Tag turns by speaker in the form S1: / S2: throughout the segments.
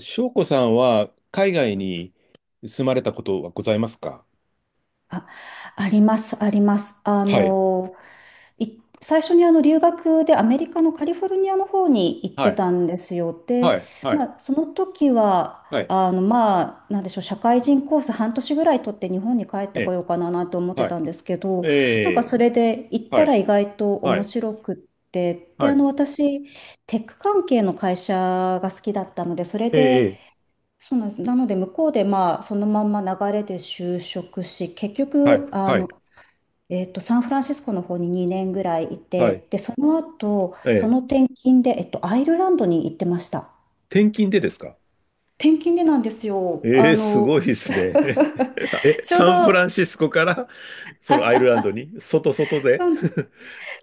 S1: 翔子さんは海外に住まれたことはございますか？
S2: あ、あります、あります。
S1: はい。
S2: 最初に留学でアメリカのカリフォルニアの方に行っ
S1: は
S2: て
S1: い。
S2: たんですよ。で、
S1: はい。はい。
S2: まあ、その時は、
S1: はい。
S2: まあ、なんでしょう、社会人コース半年ぐらい取って日本に帰って
S1: え
S2: こ
S1: え。
S2: ようかなと思って
S1: は
S2: た
S1: い。
S2: んですけど、なん
S1: え
S2: か
S1: え。
S2: それで行っ
S1: は
S2: た
S1: い。
S2: ら意外と
S1: は
S2: 面
S1: い。
S2: 白くって、で、
S1: はい。
S2: 私、テック関係の会社が好きだったので、それ
S1: ええ。
S2: で、
S1: ええ、
S2: そうなんです。なので、向こうで、まあ、そのまんま流れで就職し、結
S1: はい。
S2: 局、
S1: はい。
S2: サンフランシスコの方に2年ぐらいい
S1: はい。
S2: て、で、その後、
S1: ええ。
S2: 転勤で、アイルランドに行ってました。
S1: 転勤でですか？
S2: 転勤でなんですよ。
S1: ええ、すごいですね。え、
S2: ちょう
S1: サンフラン
S2: ど、
S1: シスコから、そのアイルランドに、外外
S2: そ
S1: で。
S2: うなん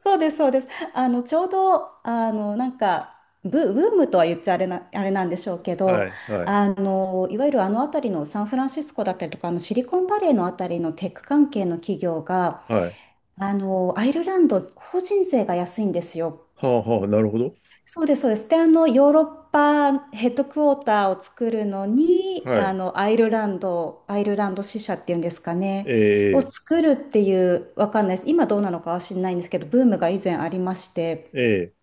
S2: そうです、そうです。ちょうど、なんか、ブームとは言っちゃあれなんでしょうけ
S1: は
S2: ど、
S1: い。はい。
S2: いわゆるあの辺りのサンフランシスコだったりとか、あのシリコンバレーのあたりのテック関係の企業が、
S1: はい。
S2: アイルランド、法人税が安いんですよ。
S1: はあはあ、なるほど。
S2: そうです、そうです。で、ヨーロッパヘッドクォーターを作るのに、
S1: はい。
S2: アイルランド支社っていうんですか
S1: え
S2: ね、を
S1: え。
S2: 作るっていう、わかんないです。今どうなのかは知らないんですけど、ブームが以前ありまして、
S1: ええ。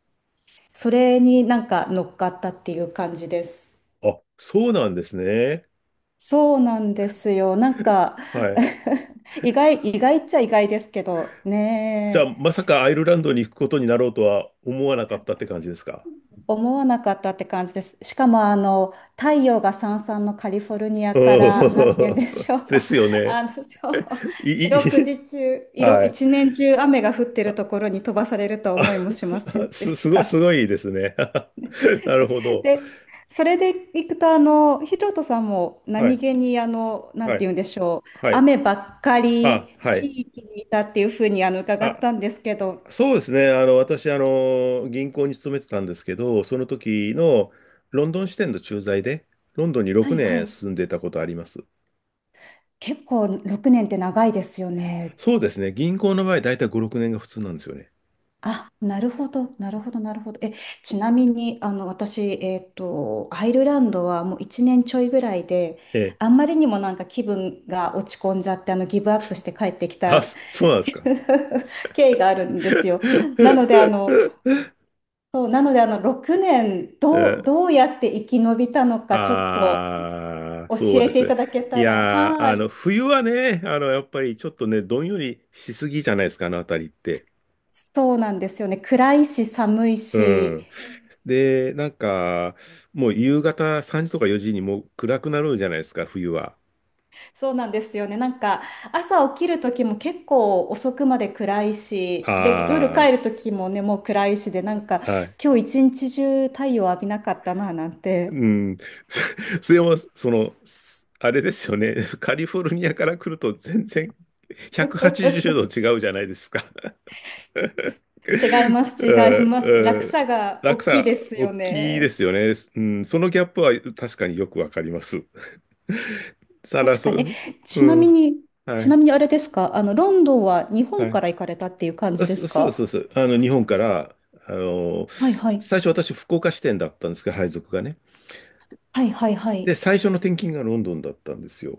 S2: それになんか乗っかったっていう感じです。
S1: あ、そうなんですね。
S2: そうなんですよ。なんか
S1: はい。
S2: 意外っちゃ意外ですけど
S1: じゃあ、
S2: ね
S1: まさかアイルランドに行くことになろうとは思わなかったって感じですか？
S2: え、思わなかったって感じです。しかもあの太陽がさんさんのカリフォルニアか
S1: う
S2: らなんて言うんで
S1: ん。
S2: しょ う、
S1: ですよ ね。
S2: あのそう
S1: い、
S2: 四
S1: い、い
S2: 六時中、
S1: はい。
S2: 一年中雨が降ってるところに飛ばされるとは
S1: あ、
S2: 思いもしません で
S1: す、
S2: し
S1: すごい、
S2: た。
S1: すごいですね。なるほど。
S2: で、それでいくと、ヒロトさんも
S1: は
S2: 何
S1: い、
S2: 気に、なん
S1: は
S2: て
S1: い、
S2: 言うんでしょう、
S1: はい。
S2: 雨ばっかり
S1: あ、は
S2: 地
S1: い。
S2: 域にいたっていうふうに、伺っ
S1: あ、
S2: たんですけど、
S1: そうですね。あの、私、あの、銀行に勤めてたんですけど、その時のロンドン支店の駐在で、ロンドンに
S2: は
S1: 6
S2: いは
S1: 年
S2: い。
S1: 住んでたことあります。
S2: 結構6年って長いですよね。
S1: そうですね。銀行の場合、だいたい5、6年が普通なんですよね。
S2: あ、なるほど、なるほど、なるほど。え、ちなみに、私、アイルランドはもう1年ちょいぐらいで、
S1: ええ。
S2: あんまりにもなんか気分が落ち込んじゃって、ギブアップして帰ってき
S1: あ、
S2: た
S1: そうなんですか。
S2: 経緯があるんですよ。なの で、6年、
S1: え、
S2: どうやって生き延びたのか、ちょっと
S1: ああー、
S2: 教
S1: そう
S2: え
S1: で
S2: て
S1: す
S2: い
S1: ね。
S2: ただけ
S1: い
S2: たら。
S1: やー、
S2: は
S1: あ
S2: い。
S1: の、冬はね、あの、やっぱりちょっとね、どんよりしすぎじゃないですか、あのあたりって。
S2: そうなんですよね。暗いし、寒い
S1: う
S2: し、
S1: ん。で、なんか、もう夕方3時とか4時にもう暗くなるじゃないですか、冬は。
S2: そうなんですよね。なんか、朝起きる時も結構遅くまで暗いし、で、夜
S1: あ
S2: 帰る時もね、もう暗いしで、なんか、
S1: あ、はい。
S2: 今日一日中太陽浴びなかったな、なんて。
S1: うん。それも、その、あれですよね。カリフォルニアから来ると全然180度違うじゃないですか。
S2: 違い ます、
S1: うん
S2: 違います。
S1: う
S2: 落
S1: ん。
S2: 差が大
S1: 落
S2: きいで
S1: 差、
S2: す
S1: 大
S2: よ
S1: きいで
S2: ね。
S1: すよね。うん、そのギャップは確かによくわかります。さら、
S2: 確
S1: そ、
S2: かに。え、
S1: う
S2: ちなみ
S1: ん。
S2: に、
S1: はい、
S2: あれですか、ロンドンは日
S1: は
S2: 本か
S1: い。
S2: ら行かれたっていう感
S1: あ、
S2: じで
S1: そ
S2: す
S1: そうです、
S2: か？
S1: そうです。あの、日本から、あの、
S2: はいはい。
S1: 最初私、福岡支店だったんですけど、配属がね。
S2: はいはいは
S1: で、
S2: い。
S1: 最初の転勤がロンドンだったんですよ。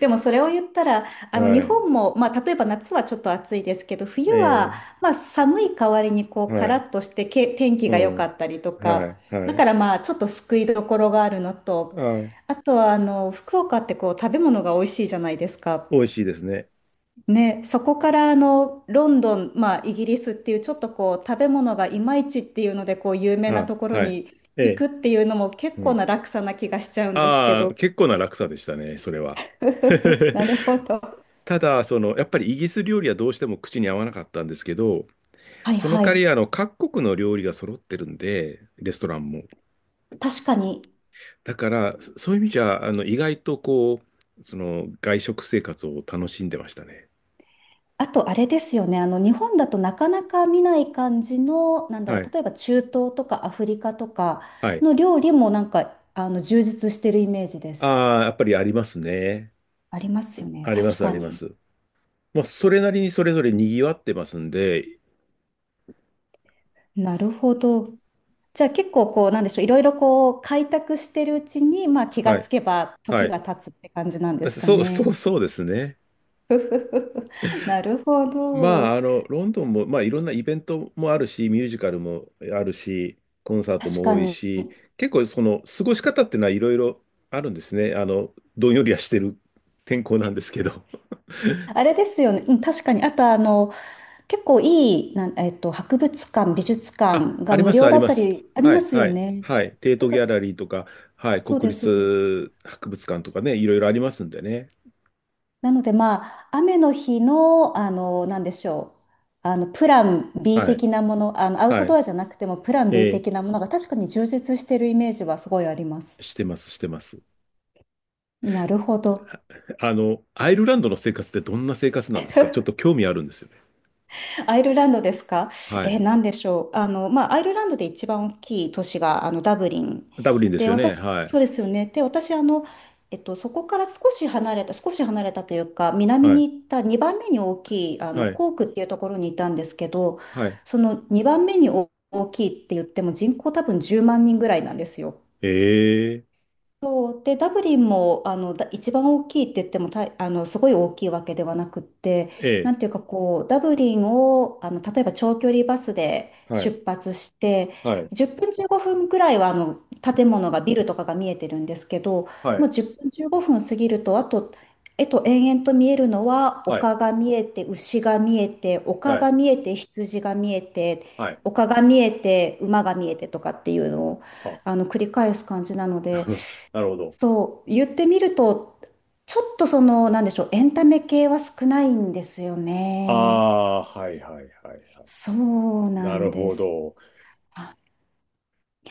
S2: でもそれを言ったら、日
S1: はい。
S2: 本も、まあ、例えば夏はちょっと暑いですけど、冬は、
S1: え
S2: まあ、寒い代わりに、こ
S1: え、
S2: う、カ
S1: は
S2: ラ
S1: い。
S2: ッとしてけ、天気
S1: う
S2: が良か
S1: ん。
S2: ったりと
S1: は
S2: か、
S1: い、は
S2: だか
S1: い。
S2: らまあ、ちょっと救いどころがあるのと、
S1: はい。
S2: あとは、福岡ってこう、食べ物が美味しいじゃないですか。
S1: 美味しいですね。
S2: ね、そこからロンドン、まあ、イギリスっていうちょっとこう食べ物がいまいちっていうのでこう有名な
S1: あ、
S2: ところ
S1: はい。
S2: に
S1: え
S2: 行
S1: え。
S2: くっていうのも結
S1: う
S2: 構
S1: ん。
S2: な落差な気がしちゃうんですけ
S1: ああ、
S2: ど。
S1: 結構な落差でしたね、それは。
S2: なるほど。
S1: ただ、その、やっぱりイギリス料理はどうしても口に合わなかったんですけど、
S2: はい
S1: その
S2: は
S1: 代わ
S2: い。
S1: り、あの、各国の料理が揃ってるんで、レストランも。
S2: 確かに。
S1: だから、そういう意味じゃ、あの、意外とこう、その、外食生活を楽しんでましたね。
S2: あとあれですよね。日本だとなかなか見ない感じの、なんだ
S1: は
S2: ろう、
S1: い。
S2: 例えば中東とかアフリカとか
S1: はい。
S2: の料理もなんか充実してるイメージです。
S1: ああ、やっぱりありますね。
S2: ありますよね。
S1: ありま
S2: 確
S1: す、あ
S2: か
S1: りま
S2: に。
S1: す。まあ、それなりにそれぞれ賑わってますんで、
S2: なるほど。じゃあ結構こう、なんでしょう、いろいろこう、開拓してるうちに、まあ気が
S1: はい。
S2: つけば
S1: は
S2: 時
S1: い。
S2: が経つって感じなんです
S1: そ
S2: か
S1: そう、そ
S2: ね。
S1: う、そうですね。
S2: ふふふなるほ
S1: まあ、
S2: ど。
S1: あの、ロンドンも、まあ、いろんなイベントもあるし、ミュージカルもあるし、コンサート
S2: 確
S1: も
S2: か
S1: 多い
S2: に。
S1: し、結構その過ごし方っていうのはいろいろあるんですね。あの、どんよりはしてる天候なんですけど。
S2: あれですよね。うん、確かに。あと結構いい、なん、えっと、博物館、美術
S1: あ、
S2: 館
S1: あ
S2: が
S1: り
S2: 無
S1: ます、
S2: 料
S1: あ
S2: だ
S1: り
S2: っ
S1: ま
S2: た
S1: す。
S2: りあり
S1: は
S2: ま
S1: い、
S2: す
S1: は
S2: よ
S1: い、
S2: ね。
S1: はい。テー
S2: だ
S1: ト
S2: か
S1: ギ
S2: ら、
S1: ャラリーとか、はい、
S2: そうで
S1: 国
S2: す、そうです。
S1: 立博物館とかね、いろいろありますんでね。
S2: なのでまあ、雨の日の、なんでしょう。プラン B
S1: はい、
S2: 的なもの、アウト
S1: は
S2: ド
S1: い。
S2: アじゃなくてもプラン B
S1: え
S2: 的な
S1: ー
S2: ものが確かに充実してるイメージはすごいあります。
S1: してます、してます。
S2: なるほど。
S1: あアイルランドの生活ってどんな生活なんですか？ちょっと興味あるんですよね。
S2: アイルランドですか？
S1: はい。
S2: なんでしょう。まあ、アイルランドで一番大きい都市が、ダブリン。
S1: ダブリンです
S2: で、
S1: よね。
S2: 私、
S1: は
S2: そう
S1: い。
S2: ですよね。で、私、そこから少し離れた、少し離れたというか、南
S1: はい、
S2: に行った2番目に大きい、
S1: はい、
S2: コークっていうところにいたんですけど、
S1: はい。
S2: その2番目に大きいって言っても人口多分10万人ぐらいなんですよ。
S1: え
S2: そうで、ダブリンもあのだ一番大きいって言ってもたあのすごい大きいわけではなくって、な
S1: えええ、
S2: んていうかこう、ダブリンを例えば長距離バスで出発して、10分15分ぐらいは建物がビルとかが見えてるんですけど、もう10分15分過ぎると、あと、延々と見えるのは丘が見えて、牛が見えて、丘が見えて、羊が見えて、丘が見えて、馬が見えてとかっていうのを繰り返す感じなので。そう、言ってみると、ちょっとその、なんでしょう、エンタメ系は少ないんですよね。
S1: はいはいはいはい。はいはい、あ。
S2: そう な
S1: なるほど。ああ、はいはいはいはい、な
S2: ん
S1: る
S2: で
S1: ほ
S2: す。
S1: ど。
S2: あ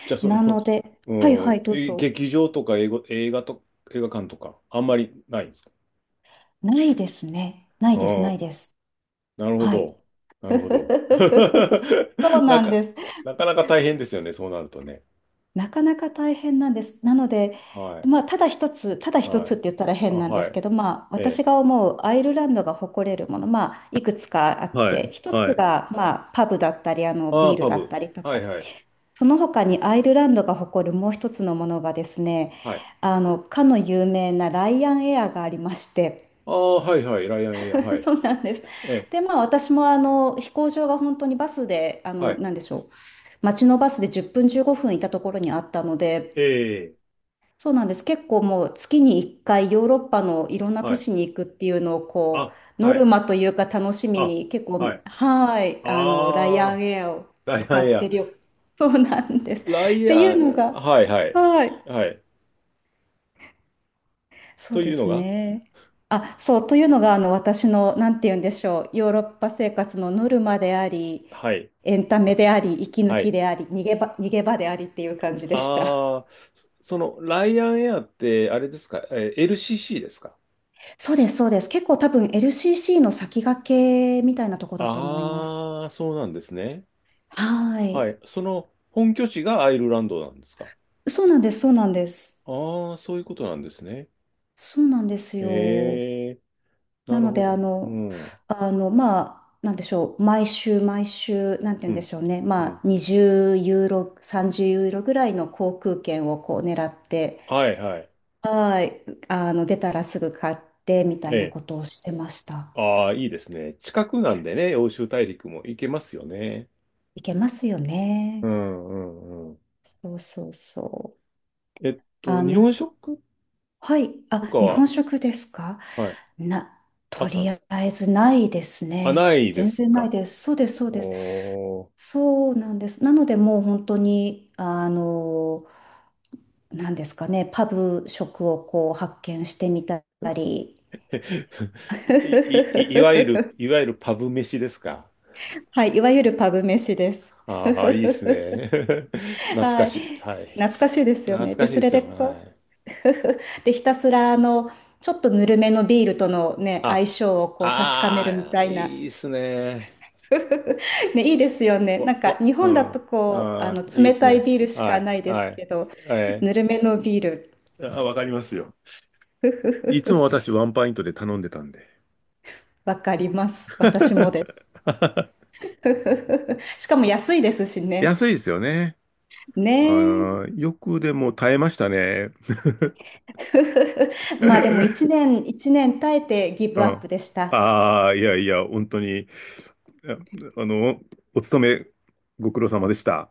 S1: じゃあ、そ
S2: な
S1: の、
S2: ので、はいは
S1: うん、
S2: い、どう
S1: え、
S2: ぞ。
S1: 劇場とか映画館とか、あんまりないんですか？
S2: ないですね。ない
S1: あ
S2: です、な
S1: あ、
S2: いです。
S1: なるほ
S2: はい。
S1: ど。なるほど。
S2: そう
S1: なん
S2: なん
S1: か、
S2: です。
S1: なかなか大変ですよね、そうなるとね。
S2: なかなか大変なんです。なので、
S1: はい、
S2: まあ、ただ一つ、ただ一
S1: は
S2: つっ
S1: い。
S2: て言ったら
S1: あ、
S2: 変なんで
S1: は
S2: す
S1: い。
S2: けど、まあ、
S1: え
S2: 私
S1: え。
S2: が思うアイルランドが誇れるもの、まあ、いくつかあっ
S1: はい、
S2: て、一
S1: は
S2: つ
S1: い。
S2: が、まあ、パブだったり、
S1: ああ、
S2: ビール
S1: パ
S2: だっ
S1: ブ。
S2: たりと
S1: は
S2: か、
S1: いはい。
S2: その他にアイルランドが誇るもう一つのものがですね、
S1: はい。
S2: かの有名なライアンエアがありまして、
S1: ああ、はいはい、ライアンエア、は い。
S2: そうなんです。
S1: え、
S2: で、まあ私も飛行場が本当にバスで、
S1: はい。
S2: なんでしょう、街のバスで10分15分いたところにあったので、
S1: ええ、
S2: そうなんです。結構もう月に1回ヨーロッパのいろんな
S1: は
S2: 都
S1: い。
S2: 市に行くっていうのをこ
S1: あ、
S2: うノ
S1: は
S2: ル
S1: い。
S2: マというか楽しみ
S1: あ、
S2: に結構
S1: はい。
S2: はいライア
S1: あ
S2: ン
S1: あ、
S2: エアを
S1: ラ
S2: 使
S1: イアンエ
S2: って
S1: ア。
S2: るよ。そうなんです。
S1: ラ
S2: っ
S1: イ
S2: てい
S1: ア
S2: うの
S1: ン、
S2: が
S1: はいはい。
S2: はい
S1: はい。
S2: そう
S1: と
S2: で
S1: いうの
S2: す
S1: が、
S2: ね。あ、そうというのが私のなんて言うんでしょうヨーロッパ生活のノルマであり
S1: はい。
S2: エンタメであり息抜
S1: は
S2: き
S1: い。
S2: であり逃げ場でありっていう感じでした。
S1: ああ、その、ライアンエアって、あれですか、LCC ですか？
S2: そうです、そうです。結構多分 LCC の先駆けみたいなとこだと思います。
S1: ああ、そうなんですね。
S2: は
S1: は
S2: い。
S1: い。その、本拠地がアイルランドなんですか？
S2: そうなんです、そうなんです。
S1: ああー、そういうことなんですね。
S2: そうなんですよ。
S1: ええ、な
S2: な
S1: る
S2: の
S1: ほ
S2: で、
S1: ど。うん。
S2: まあ、なんでしょう。毎週、毎週、なんて言
S1: う
S2: うんで
S1: ん。
S2: しょうね。
S1: う
S2: ま
S1: ん。
S2: あ、20ユーロ、30ユーロぐらいの航空券をこう狙って、
S1: はいはい。
S2: はい。出たらすぐ買ってみた
S1: え
S2: いな
S1: え。
S2: ことをしてました。
S1: ああ、いいですね。近くなんでね、欧州大陸も行けますよね。
S2: いけますよ
S1: う
S2: ね。
S1: んうんうん。
S2: そうそうそう。あ
S1: 日
S2: の、
S1: 本食
S2: はい。
S1: と
S2: あ、
S1: か
S2: 日本
S1: は、
S2: 食ですか？
S1: はい、
S2: な、
S1: あ
S2: と
S1: ったん
S2: り
S1: で
S2: あ
S1: す。
S2: えずないです
S1: あ、な
S2: ね。
S1: いで
S2: 全
S1: す
S2: 然ない
S1: か。
S2: です。そうです、そうです。
S1: おー。
S2: そうなんです。なので、もう本当に、なんですかね、パブ食をこう発見してみたり。
S1: い、い、いいわゆる、いわゆるパブ飯ですか？
S2: はい、いわゆるパブ飯です。
S1: ああ、いいです ね。懐
S2: は
S1: か
S2: い、
S1: しい。はい。
S2: 懐かしいですよ
S1: 懐
S2: ね。で、
S1: かしい
S2: そ
S1: で
S2: れ
S1: す
S2: で
S1: よ。は
S2: こ
S1: い。
S2: う、で、ひたすらちょっとぬるめのビールとのね、相
S1: あ、
S2: 性をこう確かめるみ
S1: ああ、
S2: たいな。
S1: いいですね。
S2: ね、いいですよね。なんか日
S1: う
S2: 本だ
S1: ん。
S2: とこう、
S1: ああ、いいっ
S2: 冷
S1: す
S2: たい
S1: ね。
S2: ビールし
S1: は
S2: か
S1: い、
S2: ないで
S1: は
S2: す
S1: い。
S2: けど、
S1: え
S2: ぬるめのビール、
S1: あ、わかりますよ。い つも私ワンパイントで頼んでたんで。
S2: わかります。私もで す。しかも安いですしね。
S1: 安いですよね。あ
S2: ねえ。
S1: ー、よくでも耐えましたね。う
S2: まあでも1年、1年耐えてギブアッ
S1: ん。
S2: プでした。
S1: ああ、いやいや、本当に、ああの、お勤めご苦労様でした。